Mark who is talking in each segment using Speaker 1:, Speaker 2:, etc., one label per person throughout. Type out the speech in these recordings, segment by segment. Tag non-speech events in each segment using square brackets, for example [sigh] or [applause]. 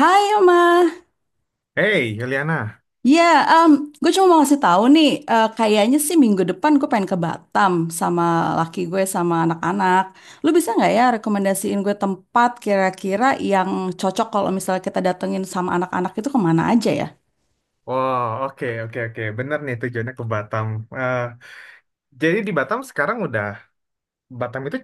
Speaker 1: Hai Oma,
Speaker 2: Hey, Juliana.
Speaker 1: ya gue cuma mau ngasih tahu nih, kayaknya sih minggu depan gue pengen ke Batam sama laki gue sama anak-anak. Lu bisa nggak ya rekomendasiin gue tempat kira-kira yang cocok kalau misalnya kita datengin sama anak-anak itu kemana aja ya?
Speaker 2: Wow, oke, oke, oke. Bener nih tujuannya ke Batam. Eh, jadi di Batam sekarang udah, Batam itu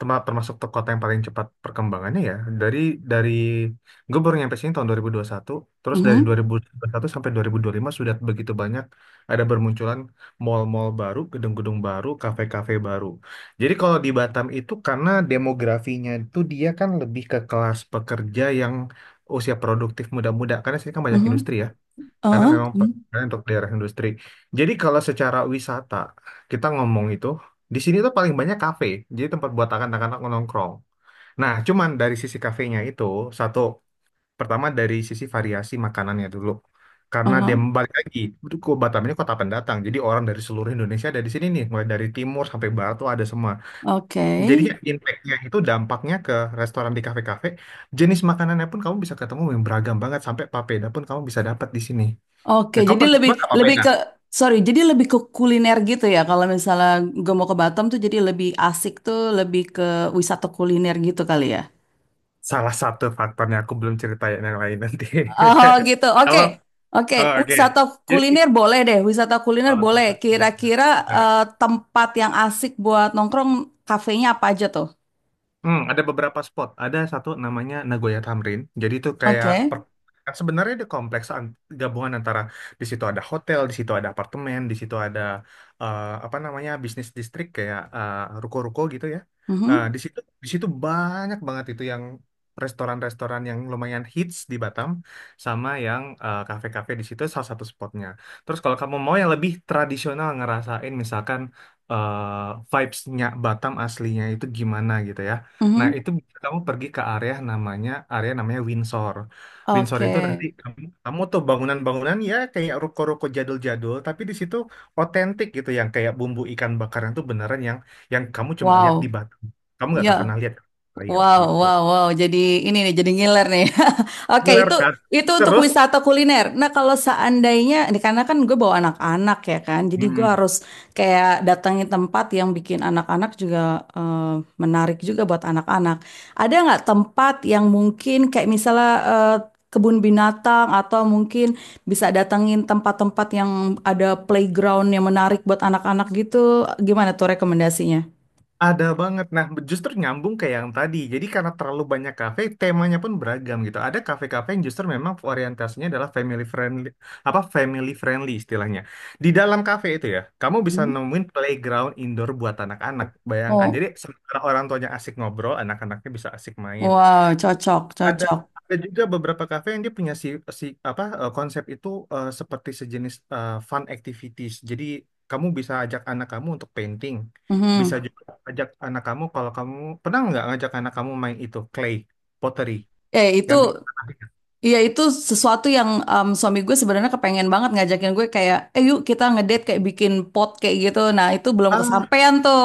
Speaker 2: termasuk tuh kota yang paling cepat perkembangannya ya. Dari, dari, gue baru nyampe sini tahun dua ribu satu. Terus dari dua
Speaker 1: Mhm,
Speaker 2: ribu dua ribu satu sampai dua dua ribu dua puluh lima sudah begitu banyak ada bermunculan mall-mall baru, gedung-gedung baru, kafe-kafe baru. Jadi kalau di Batam itu karena demografinya itu dia kan lebih ke kelas pekerja yang usia produktif muda-muda, karena sini kan banyak
Speaker 1: mhm,
Speaker 2: industri ya. Karena memang
Speaker 1: hmm,
Speaker 2: perkembangan untuk daerah industri. Jadi kalau secara wisata kita ngomong itu di sini tuh paling banyak kafe, jadi tempat buat anak-anak nongkrong. Nah, cuman dari sisi kafenya itu satu pertama dari sisi variasi makanannya dulu. Karena dia
Speaker 1: aha,
Speaker 2: balik lagi, itu ke Batam ini kota pendatang. Jadi orang dari seluruh Indonesia ada di sini nih, mulai dari timur sampai barat tuh ada semua.
Speaker 1: oke,
Speaker 2: Jadinya impact-nya itu dampaknya ke restoran di kafe-kafe, jenis makanannya pun kamu bisa ketemu yang beragam banget sampai papeda pun kamu bisa dapat di sini.
Speaker 1: oke.
Speaker 2: Ya, kamu
Speaker 1: Jadi
Speaker 2: pernah
Speaker 1: lebih
Speaker 2: coba nggak apa
Speaker 1: lebih
Speaker 2: pena?
Speaker 1: ke sorry, jadi lebih ke kuliner gitu ya. Kalau misalnya gue mau ke Batam tuh jadi lebih asik tuh lebih ke wisata kuliner gitu kali ya.
Speaker 2: Salah satu faktornya aku belum ceritain yang lain nanti.
Speaker 1: Oh gitu,
Speaker 2: [laughs]
Speaker 1: oke,
Speaker 2: Kalau
Speaker 1: oke.
Speaker 2: oh, oke,
Speaker 1: Wisata
Speaker 2: jadi
Speaker 1: kuliner boleh deh, wisata kuliner
Speaker 2: salah
Speaker 1: boleh.
Speaker 2: satu faktor yang
Speaker 1: Kira-kira
Speaker 2: kita.
Speaker 1: eh, tempat yang asik buat nongkrong, kafenya apa aja tuh?
Speaker 2: Hmm, ada beberapa spot. Ada satu namanya Nagoya Tamrin. Jadi itu kayak
Speaker 1: Oke,
Speaker 2: sebenarnya di kompleks gabungan antara di situ ada hotel, di situ ada apartemen, di situ ada apa namanya bisnis distrik kayak ruko-ruko gitu ya. Eh,
Speaker 1: mhm.
Speaker 2: di situ di situ banyak banget itu yang restoran-restoran yang lumayan hits di Batam sama yang kafe-kafe di situ salah satu spotnya. Terus kalau kamu mau yang lebih tradisional ngerasain misalkan vibes-nya Batam aslinya itu gimana gitu ya. Nah,
Speaker 1: Mhm.
Speaker 2: itu bisa kamu pergi ke area namanya Windsor. Windsor
Speaker 1: Oke,
Speaker 2: itu nanti kamu tuh bangunan-bangunan ya kayak ruko-ruko jadul-jadul, tapi di situ otentik gitu yang kayak bumbu ikan bakaran tuh beneran yang kamu cuma lihat di
Speaker 1: wow,
Speaker 2: Batam. Kamu nggak akan
Speaker 1: ya.
Speaker 2: pernah lihat lain
Speaker 1: Wow,
Speaker 2: gitu.
Speaker 1: wow, wow. Jadi ini nih, jadi ngiler nih. [laughs] Oke,
Speaker 2: Ngiler
Speaker 1: itu
Speaker 2: kan?
Speaker 1: itu untuk
Speaker 2: Terus,
Speaker 1: wisata kuliner. Nah, kalau seandainya, ini karena kan gue bawa anak-anak ya kan, jadi gue harus kayak datangi tempat yang bikin anak-anak juga eh, menarik juga buat anak-anak. Ada nggak tempat yang mungkin kayak misalnya kebun binatang atau mungkin bisa datangin tempat-tempat yang ada playground yang menarik buat anak-anak gitu? Gimana tuh rekomendasinya?
Speaker 2: ada banget. Nah, justru nyambung ke yang tadi. Jadi karena terlalu banyak kafe, temanya pun beragam gitu. Ada kafe-kafe yang justru memang orientasinya adalah family friendly, apa family friendly istilahnya. Di dalam kafe itu ya, kamu bisa
Speaker 1: Hmm.
Speaker 2: nemuin playground indoor buat anak-anak. Bayangkan.
Speaker 1: Oh,
Speaker 2: Jadi sementara orang tuanya asik ngobrol, anak-anaknya bisa asik main.
Speaker 1: wow, cocok,
Speaker 2: Ada
Speaker 1: cocok.
Speaker 2: ada juga beberapa kafe yang dia punya si si apa konsep itu seperti sejenis fun activities. Jadi kamu bisa ajak anak kamu untuk painting,
Speaker 1: Mhm.
Speaker 2: bisa juga ajak anak kamu kalau kamu pernah nggak ngajak anak kamu main itu clay pottery
Speaker 1: Eh itu
Speaker 2: yang bikin tanah?
Speaker 1: itu sesuatu yang suami gue sebenarnya kepengen banget ngajakin gue kayak yuk kita ngedate kayak bikin pot kayak gitu. Nah, itu belum kesampaian tuh.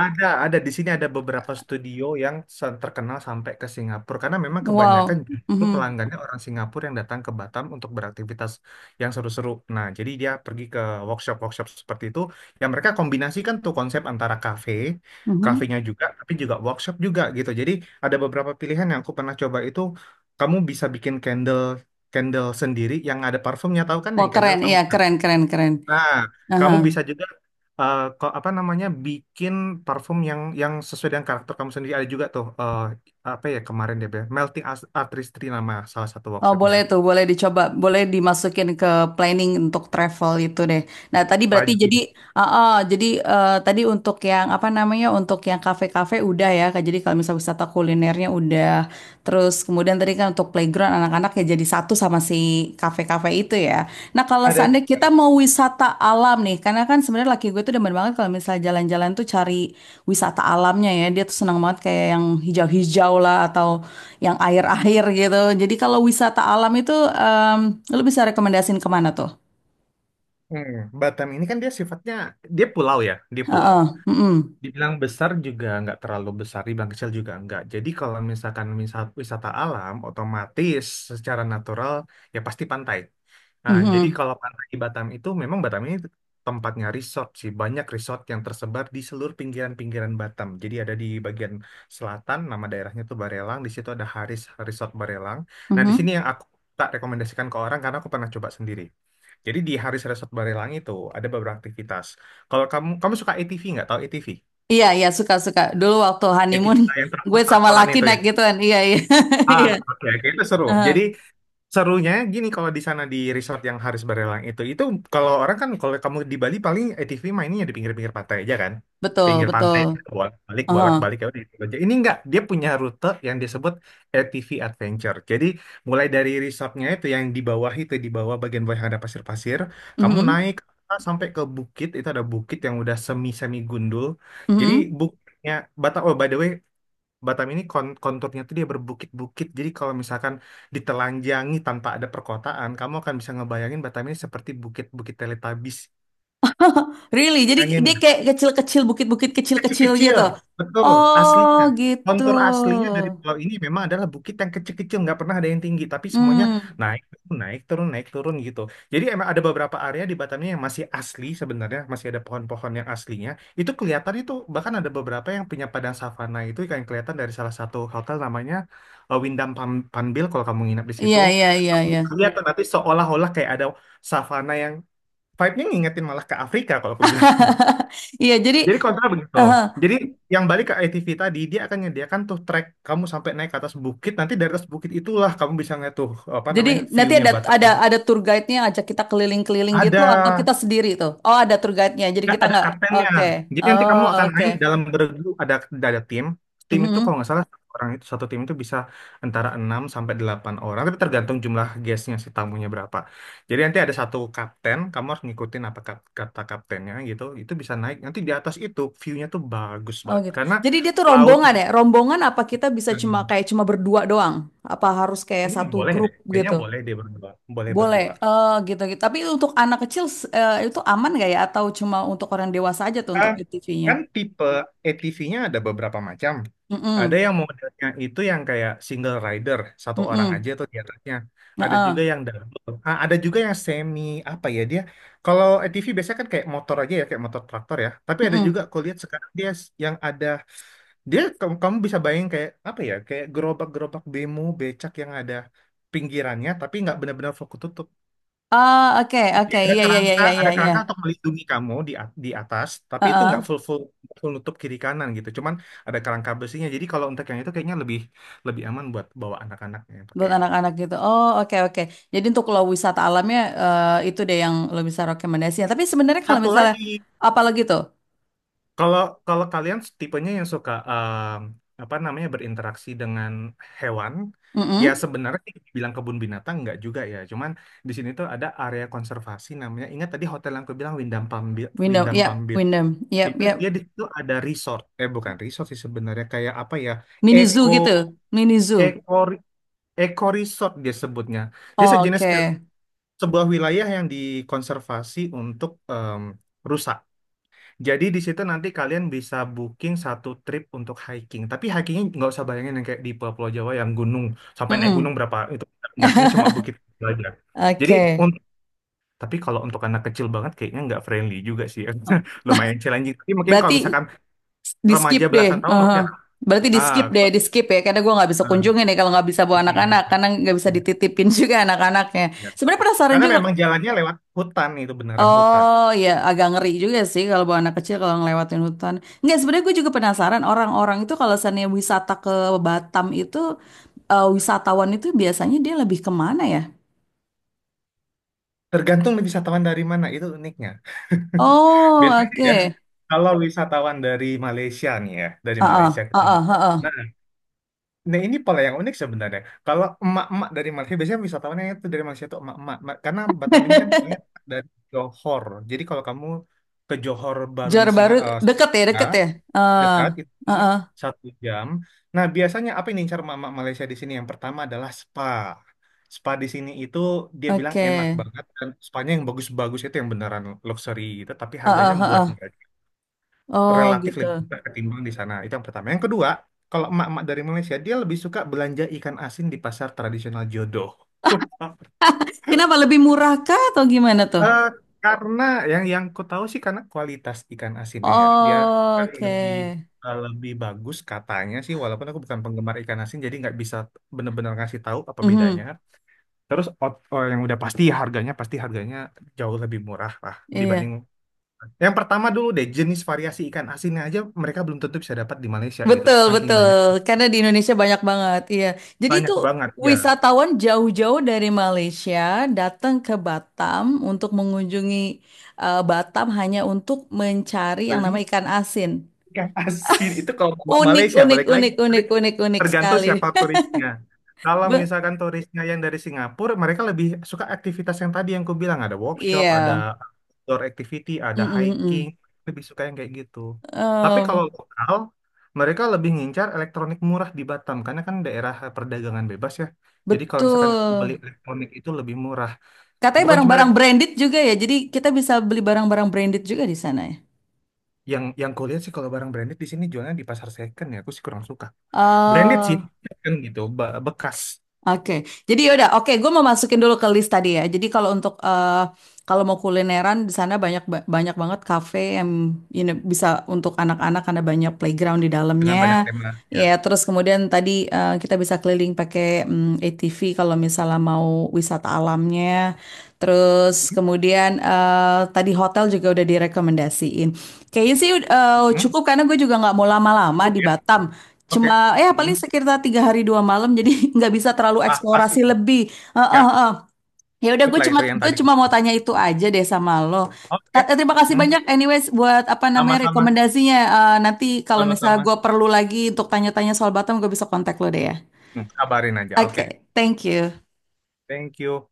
Speaker 2: Ada di sini ada beberapa studio yang terkenal sampai ke Singapura karena memang kebanyakan
Speaker 1: Wow.
Speaker 2: justru
Speaker 1: Mhm.
Speaker 2: pelanggannya orang Singapura yang datang ke Batam untuk beraktivitas yang seru-seru. Nah, jadi dia pergi ke workshop-workshop seperti itu yang mereka kombinasikan tuh konsep antara kafe,
Speaker 1: Mhm.
Speaker 2: kafenya juga tapi juga workshop juga gitu. Jadi ada beberapa pilihan yang aku pernah coba itu kamu bisa bikin candle candle sendiri yang ada parfumnya tahu kan
Speaker 1: Wah,
Speaker 2: yang candle
Speaker 1: keren.
Speaker 2: kamu.
Speaker 1: Iya, keren keren keren.
Speaker 2: Nah,
Speaker 1: Aha.
Speaker 2: kamu bisa juga apa namanya bikin parfum yang sesuai dengan karakter kamu sendiri. Ada juga tuh apa ya kemarin deh, Be? Melting Artistry nama salah satu
Speaker 1: Oh,
Speaker 2: workshopnya.
Speaker 1: boleh tuh, boleh dicoba, boleh dimasukin ke planning untuk travel itu deh. Nah, tadi berarti
Speaker 2: Wajib.
Speaker 1: jadi, tadi untuk yang apa namanya, untuk yang kafe-kafe udah ya, Kak. Jadi kalau misalnya wisata kulinernya udah, terus kemudian tadi kan untuk playground anak-anak ya jadi satu sama si kafe-kafe itu ya. Nah, kalau
Speaker 2: Ada
Speaker 1: seandainya kita
Speaker 2: juga.
Speaker 1: mau wisata alam nih, karena kan sebenarnya laki gue tuh demen banget kalau misalnya jalan-jalan tuh cari wisata alamnya ya. Dia tuh senang banget kayak yang hijau-hijau lah atau yang air-air gitu. Jadi kalau wisata alam itu, em, lu bisa rekomendasiin kemana tuh?
Speaker 2: Hmm, Batam ini kan dia sifatnya dia pulau ya, dia pulau.
Speaker 1: Heeh, mm-mm,
Speaker 2: Dibilang besar juga nggak terlalu besar, dibilang kecil juga nggak. Jadi kalau misalkan wisata alam, otomatis secara natural ya pasti pantai. Nah, jadi
Speaker 1: mhm,
Speaker 2: kalau pantai di Batam itu memang Batam ini tempatnya resort sih. Banyak resort yang tersebar di seluruh pinggiran-pinggiran Batam. Jadi ada di bagian selatan, nama daerahnya tuh Barelang. Di situ ada Haris Resort Barelang. Nah, di sini
Speaker 1: mhm.
Speaker 2: yang aku tak rekomendasikan ke orang karena aku pernah coba sendiri. Jadi di Haris Resort Barelang itu ada beberapa aktivitas. Kalau kamu kamu suka ATV nggak? Tahu ATV?
Speaker 1: Iya, iya, suka-suka. Dulu waktu
Speaker 2: ATV
Speaker 1: honeymoon,
Speaker 2: yang
Speaker 1: [laughs] gue sama
Speaker 2: traktor-traktoran
Speaker 1: laki
Speaker 2: itu ya.
Speaker 1: naik gituan. Iya, iya, [laughs]
Speaker 2: Ah,
Speaker 1: iya.
Speaker 2: oke, oke, itu seru.
Speaker 1: Heeh,
Speaker 2: Jadi serunya gini kalau di sana di resort yang Haris Barelang itu kalau orang kan kalau kamu di Bali paling ATV mainnya di pinggir-pinggir pantai aja kan,
Speaker 1: betul,
Speaker 2: pinggir pantai
Speaker 1: betul.
Speaker 2: bolak-balik
Speaker 1: Heeh,
Speaker 2: bolak-balik ya udah itu aja. Ini enggak, dia punya rute yang disebut ATV Adventure. Jadi mulai dari resortnya itu yang di bawah itu di bawah bagian bawah yang ada pasir-pasir, kamu
Speaker 1: mhm,
Speaker 2: naik sampai ke bukit itu ada bukit yang udah semi semi gundul. Jadi
Speaker 1: mhm.
Speaker 2: bukitnya Batak, oh, by the way, Batam ini konturnya tuh dia berbukit-bukit. Jadi kalau misalkan ditelanjangi tanpa ada perkotaan, kamu akan bisa ngebayangin Batam ini seperti bukit-bukit Teletubbies.
Speaker 1: [laughs] Really? Jadi dia kayak kecil-kecil, bukit-bukit kecil-kecil
Speaker 2: Kecil-kecil,
Speaker 1: gitu.
Speaker 2: betul,
Speaker 1: Oh,
Speaker 2: aslinya.
Speaker 1: gitu.
Speaker 2: Kontur aslinya dari pulau ini memang adalah bukit yang kecil-kecil, nggak pernah ada yang tinggi, tapi semuanya
Speaker 1: Hmm,
Speaker 2: naik, turun, naik, turun, naik, turun gitu. Jadi emang ada beberapa area di Batam ini yang masih asli sebenarnya, masih ada pohon-pohon yang aslinya. Itu kelihatan itu, bahkan ada beberapa yang punya padang savana itu yang kelihatan dari salah satu hotel namanya Windham Panbil kalau kamu nginap di
Speaker 1: iya,
Speaker 2: situ.
Speaker 1: iya, iya, iya.
Speaker 2: Kelihatan nanti seolah-olah kayak ada savana yang vibe-nya ngingetin malah ke Afrika kalau aku bilang.
Speaker 1: [laughs] Iya, jadi,
Speaker 2: Jadi kontra begitu. Jadi yang balik ke ATV tadi, dia akan menyediakan tuh track kamu sampai naik ke atas bukit. Nanti dari atas bukit itulah kamu bisa ngeliat tuh apa
Speaker 1: Jadi
Speaker 2: namanya
Speaker 1: nanti
Speaker 2: view-nya
Speaker 1: ada
Speaker 2: Batak.
Speaker 1: tour guide-nya ajak kita keliling-keliling gitu
Speaker 2: Ada,
Speaker 1: atau kita sendiri tuh. Oh, ada tour guide-nya. Jadi
Speaker 2: nggak
Speaker 1: kita
Speaker 2: ada
Speaker 1: nggak.
Speaker 2: kaptennya.
Speaker 1: Oke.
Speaker 2: Jadi nanti
Speaker 1: Oh,
Speaker 2: kamu akan
Speaker 1: oke.
Speaker 2: main dalam beregu. Ada tim. Tim itu kalau
Speaker 1: Mhm.
Speaker 2: nggak salah satu orang itu satu tim itu bisa antara 6 sampai 8 orang. Tapi tergantung jumlah guestnya si tamunya berapa. Jadi nanti ada satu kapten. Kamu harus ngikutin apa kata kaptennya gitu. Itu bisa naik. Nanti di atas itu view-nya tuh bagus
Speaker 1: Oh
Speaker 2: banget.
Speaker 1: gitu.
Speaker 2: Karena
Speaker 1: Jadi dia tuh
Speaker 2: laut.
Speaker 1: rombongan ya? Rombongan apa kita bisa
Speaker 2: Hmm.
Speaker 1: cuma berdua doang? Apa harus kayak
Speaker 2: Iya,
Speaker 1: satu
Speaker 2: boleh
Speaker 1: grup
Speaker 2: deh. Kayaknya
Speaker 1: gitu?
Speaker 2: boleh deh berdua. Boleh
Speaker 1: Boleh.
Speaker 2: berdua.
Speaker 1: Oh, gitu gitu. Tapi untuk anak kecil itu aman nggak ya atau cuma untuk orang dewasa aja tuh untuk
Speaker 2: Ah,
Speaker 1: ATV-nya?
Speaker 2: kan tipe ATV-nya ada beberapa macam. Ada
Speaker 1: Mm-mm.
Speaker 2: yang modelnya itu yang kayak single rider, satu orang aja
Speaker 1: Mm-mm.
Speaker 2: tuh di atasnya. Ada juga
Speaker 1: Heeh.
Speaker 2: yang double. Ah, ada juga yang semi apa ya dia. Kalau ATV biasanya kan kayak motor aja ya, kayak motor traktor ya. Tapi ada juga
Speaker 1: Mm-mm.
Speaker 2: aku lihat sekarang yang ada kamu bisa bayangin kayak apa ya? Kayak gerobak-gerobak bemo becak yang ada pinggirannya tapi nggak benar-benar fokus tutup.
Speaker 1: Ah, oke, oke. Iya, iya, iya, iya, iya,
Speaker 2: Ada
Speaker 1: iya.
Speaker 2: kerangka untuk melindungi kamu di atas tapi itu
Speaker 1: Heeh,
Speaker 2: nggak full full full nutup kiri kanan gitu cuman ada kerangka besinya jadi kalau untuk yang itu kayaknya lebih lebih aman buat bawa anak-anaknya yang pakai
Speaker 1: buat
Speaker 2: yang itu
Speaker 1: anak-anak gitu. Oh, oke oke. Jadi untuk lo wisata alamnya itu deh yang lo bisa rekomendasikan. Tapi sebenarnya kalau
Speaker 2: satu
Speaker 1: misalnya
Speaker 2: lagi.
Speaker 1: apa lagi tuh?
Speaker 2: Kalau kalau kalian tipenya yang suka apa namanya berinteraksi dengan hewan ya
Speaker 1: Mm-mm.
Speaker 2: sebenarnya bilang kebun binatang nggak juga ya cuman di sini tuh ada area konservasi namanya ingat tadi hotel yang aku bilang Windam Pambil
Speaker 1: Windom, yap, Windom, yap,
Speaker 2: Itu
Speaker 1: yap.
Speaker 2: dia di situ ada resort. Eh, bukan resort sih sebenarnya kayak apa ya?
Speaker 1: Mini zoo
Speaker 2: Eco
Speaker 1: gitu, mini zoo.
Speaker 2: eco eco resort dia sebutnya. Dia sejenis ke
Speaker 1: Oke.
Speaker 2: sebuah wilayah yang dikonservasi untuk rusa. Jadi di situ nanti kalian bisa booking satu trip untuk hiking. Tapi hikingnya nggak usah bayangin yang kayak di Pulau Jawa yang gunung sampai naik gunung
Speaker 1: Mm-mm.
Speaker 2: berapa itu nggak. Ini cuma
Speaker 1: [laughs]
Speaker 2: bukit aja. Jadi
Speaker 1: Oke.
Speaker 2: untuk tapi kalau untuk anak kecil banget kayaknya nggak friendly juga sih. [laughs] Lumayan challenging. Tapi mungkin kalau
Speaker 1: Berarti
Speaker 2: misalkan
Speaker 1: di skip
Speaker 2: remaja
Speaker 1: deh.
Speaker 2: belasan tahun oke.
Speaker 1: Uhum. Berarti di
Speaker 2: Ah,
Speaker 1: skip deh,
Speaker 2: gua-
Speaker 1: di skip ya. Karena gue nggak bisa
Speaker 2: ah,
Speaker 1: kunjungin nih kalau nggak bisa bawa
Speaker 2: iya, iya,
Speaker 1: anak-anak, karena nggak bisa
Speaker 2: iya,
Speaker 1: dititipin [laughs] juga anak-anaknya.
Speaker 2: iya.
Speaker 1: Sebenarnya penasaran
Speaker 2: Karena
Speaker 1: juga.
Speaker 2: memang jalannya lewat hutan itu beneran hutan.
Speaker 1: Oh ya, agak ngeri juga sih kalau bawa anak kecil kalau ngelewatin hutan. Enggak, sebenarnya gue juga penasaran orang-orang itu kalau misalnya wisata ke Batam itu wisatawan itu biasanya dia lebih kemana ya?
Speaker 2: Tergantung nih wisatawan dari mana itu uniknya.
Speaker 1: Oh,
Speaker 2: Biasanya ya,
Speaker 1: oke.
Speaker 2: kalau wisatawan dari Malaysia nih ya, dari
Speaker 1: Heeh,
Speaker 2: Malaysia kita
Speaker 1: heeh,
Speaker 2: ngomong.
Speaker 1: heeh.
Speaker 2: Nah, nah, ini pola yang unik sebenarnya. Kalau emak-emak dari Malaysia, biasanya wisatawannya itu dari Malaysia itu emak-emak. Karena Batam ini kan polanya dari Johor. Jadi kalau kamu ke Johor
Speaker 1: [laughs]
Speaker 2: barunya
Speaker 1: Johor Baru deket ya,
Speaker 2: Singapura,
Speaker 1: deket ya. Heeh,
Speaker 2: dekat itu cuma
Speaker 1: heeh,
Speaker 2: satu jam. Nah, biasanya apa yang diincar mama Malaysia di sini? Yang pertama adalah spa. Spa di sini itu dia bilang
Speaker 1: oke.
Speaker 2: enak banget dan spanya yang bagus-bagus itu yang beneran luxury gitu, tapi harganya
Speaker 1: Heeh,
Speaker 2: buat
Speaker 1: heeh.
Speaker 2: mereka
Speaker 1: Oh,
Speaker 2: relatif
Speaker 1: gitu.
Speaker 2: lebih murah ketimbang di sana. Itu yang pertama. Yang kedua, kalau emak-emak dari Malaysia dia lebih suka belanja ikan asin di pasar tradisional Jodoh. [laughs]
Speaker 1: Kenapa lebih murah kah atau gimana tuh?
Speaker 2: Eh, karena yang ku tahu sih karena kualitas ikan asinnya ya dia
Speaker 1: Oh,
Speaker 2: kan lebih
Speaker 1: oke.
Speaker 2: lebih bagus katanya sih walaupun aku bukan penggemar ikan asin jadi nggak bisa bener-bener ngasih tahu apa bedanya.
Speaker 1: Mhm,
Speaker 2: Terus oh, yang udah pasti harganya jauh lebih murah lah dibanding
Speaker 1: iya.
Speaker 2: yang pertama dulu deh jenis variasi ikan asinnya aja mereka belum tentu bisa dapat di Malaysia gitu
Speaker 1: Betul,
Speaker 2: saking
Speaker 1: betul.
Speaker 2: banyak
Speaker 1: Karena di Indonesia banyak banget, iya. Jadi itu
Speaker 2: banyak banget ya
Speaker 1: wisatawan jauh-jauh dari Malaysia datang ke Batam untuk mengunjungi Batam hanya untuk mencari yang namanya
Speaker 2: beli.
Speaker 1: ikan asin.
Speaker 2: Ikan asin itu kalau
Speaker 1: Unik,
Speaker 2: Malaysia
Speaker 1: unik,
Speaker 2: balik lagi
Speaker 1: unik, unik, unik, unik
Speaker 2: tergantung
Speaker 1: sekali.
Speaker 2: siapa turisnya. Kalau
Speaker 1: [laughs] Be-
Speaker 2: misalkan turisnya yang dari Singapura, mereka lebih suka aktivitas yang tadi yang ku bilang ada workshop, ada
Speaker 1: Iya.
Speaker 2: outdoor activity,
Speaker 1: Mm,
Speaker 2: ada
Speaker 1: mm,
Speaker 2: hiking,
Speaker 1: mm.
Speaker 2: lebih suka yang kayak gitu. Tapi kalau
Speaker 1: Em,
Speaker 2: lokal, mereka lebih ngincar elektronik murah di Batam karena kan daerah perdagangan bebas ya. Jadi kalau misalkan beli
Speaker 1: betul.
Speaker 2: elektronik itu lebih murah.
Speaker 1: Katanya
Speaker 2: Bukan cuma
Speaker 1: barang-barang
Speaker 2: elektronik.
Speaker 1: branded juga ya. Jadi kita bisa beli barang-barang branded juga di sana ya.
Speaker 2: Yang kulihat sih kalau barang branded di sini jualnya di pasar second ya, aku sih kurang suka. Branded sih
Speaker 1: Eh,
Speaker 2: kan gitu, bekas
Speaker 1: Oke, jadi yaudah. Oke, gue mau masukin dulu ke list tadi ya. Jadi kalau kalau mau kulineran di sana banyak banyak banget kafe yang bisa untuk anak-anak karena banyak playground di
Speaker 2: dengan banyak
Speaker 1: dalamnya.
Speaker 2: tema ya.
Speaker 1: Ya, terus kemudian tadi kita bisa keliling pakai ATV kalau misalnya mau wisata alamnya. Terus kemudian tadi hotel juga udah direkomendasiin. Kayaknya sih
Speaker 2: Hmm,
Speaker 1: cukup karena gue juga nggak mau lama-lama
Speaker 2: cukup
Speaker 1: di
Speaker 2: ya.
Speaker 1: Batam.
Speaker 2: Oke.
Speaker 1: Cuma ya
Speaker 2: Mm-mm.
Speaker 1: paling sekitar 3 hari 2 malam jadi [laughs] nggak bisa terlalu
Speaker 2: Ah, pas
Speaker 1: eksplorasi
Speaker 2: itu.
Speaker 1: lebih. Eh,
Speaker 2: Ya,
Speaker 1: eh, eh. Ya udah
Speaker 2: cukup
Speaker 1: gue
Speaker 2: lah
Speaker 1: cuma
Speaker 2: itu yang tadi.
Speaker 1: mau tanya itu aja deh sama lo.
Speaker 2: Oke.
Speaker 1: Terima kasih
Speaker 2: Hmm,
Speaker 1: banyak anyways buat apa namanya
Speaker 2: sama-sama,
Speaker 1: rekomendasinya. Nanti kalau misalnya
Speaker 2: sama-sama.
Speaker 1: gue perlu lagi untuk tanya-tanya soal Batam gue bisa kontak lo deh ya.
Speaker 2: Hmm, kabarin aja. Oke.
Speaker 1: Oke, thank you.
Speaker 2: Thank you.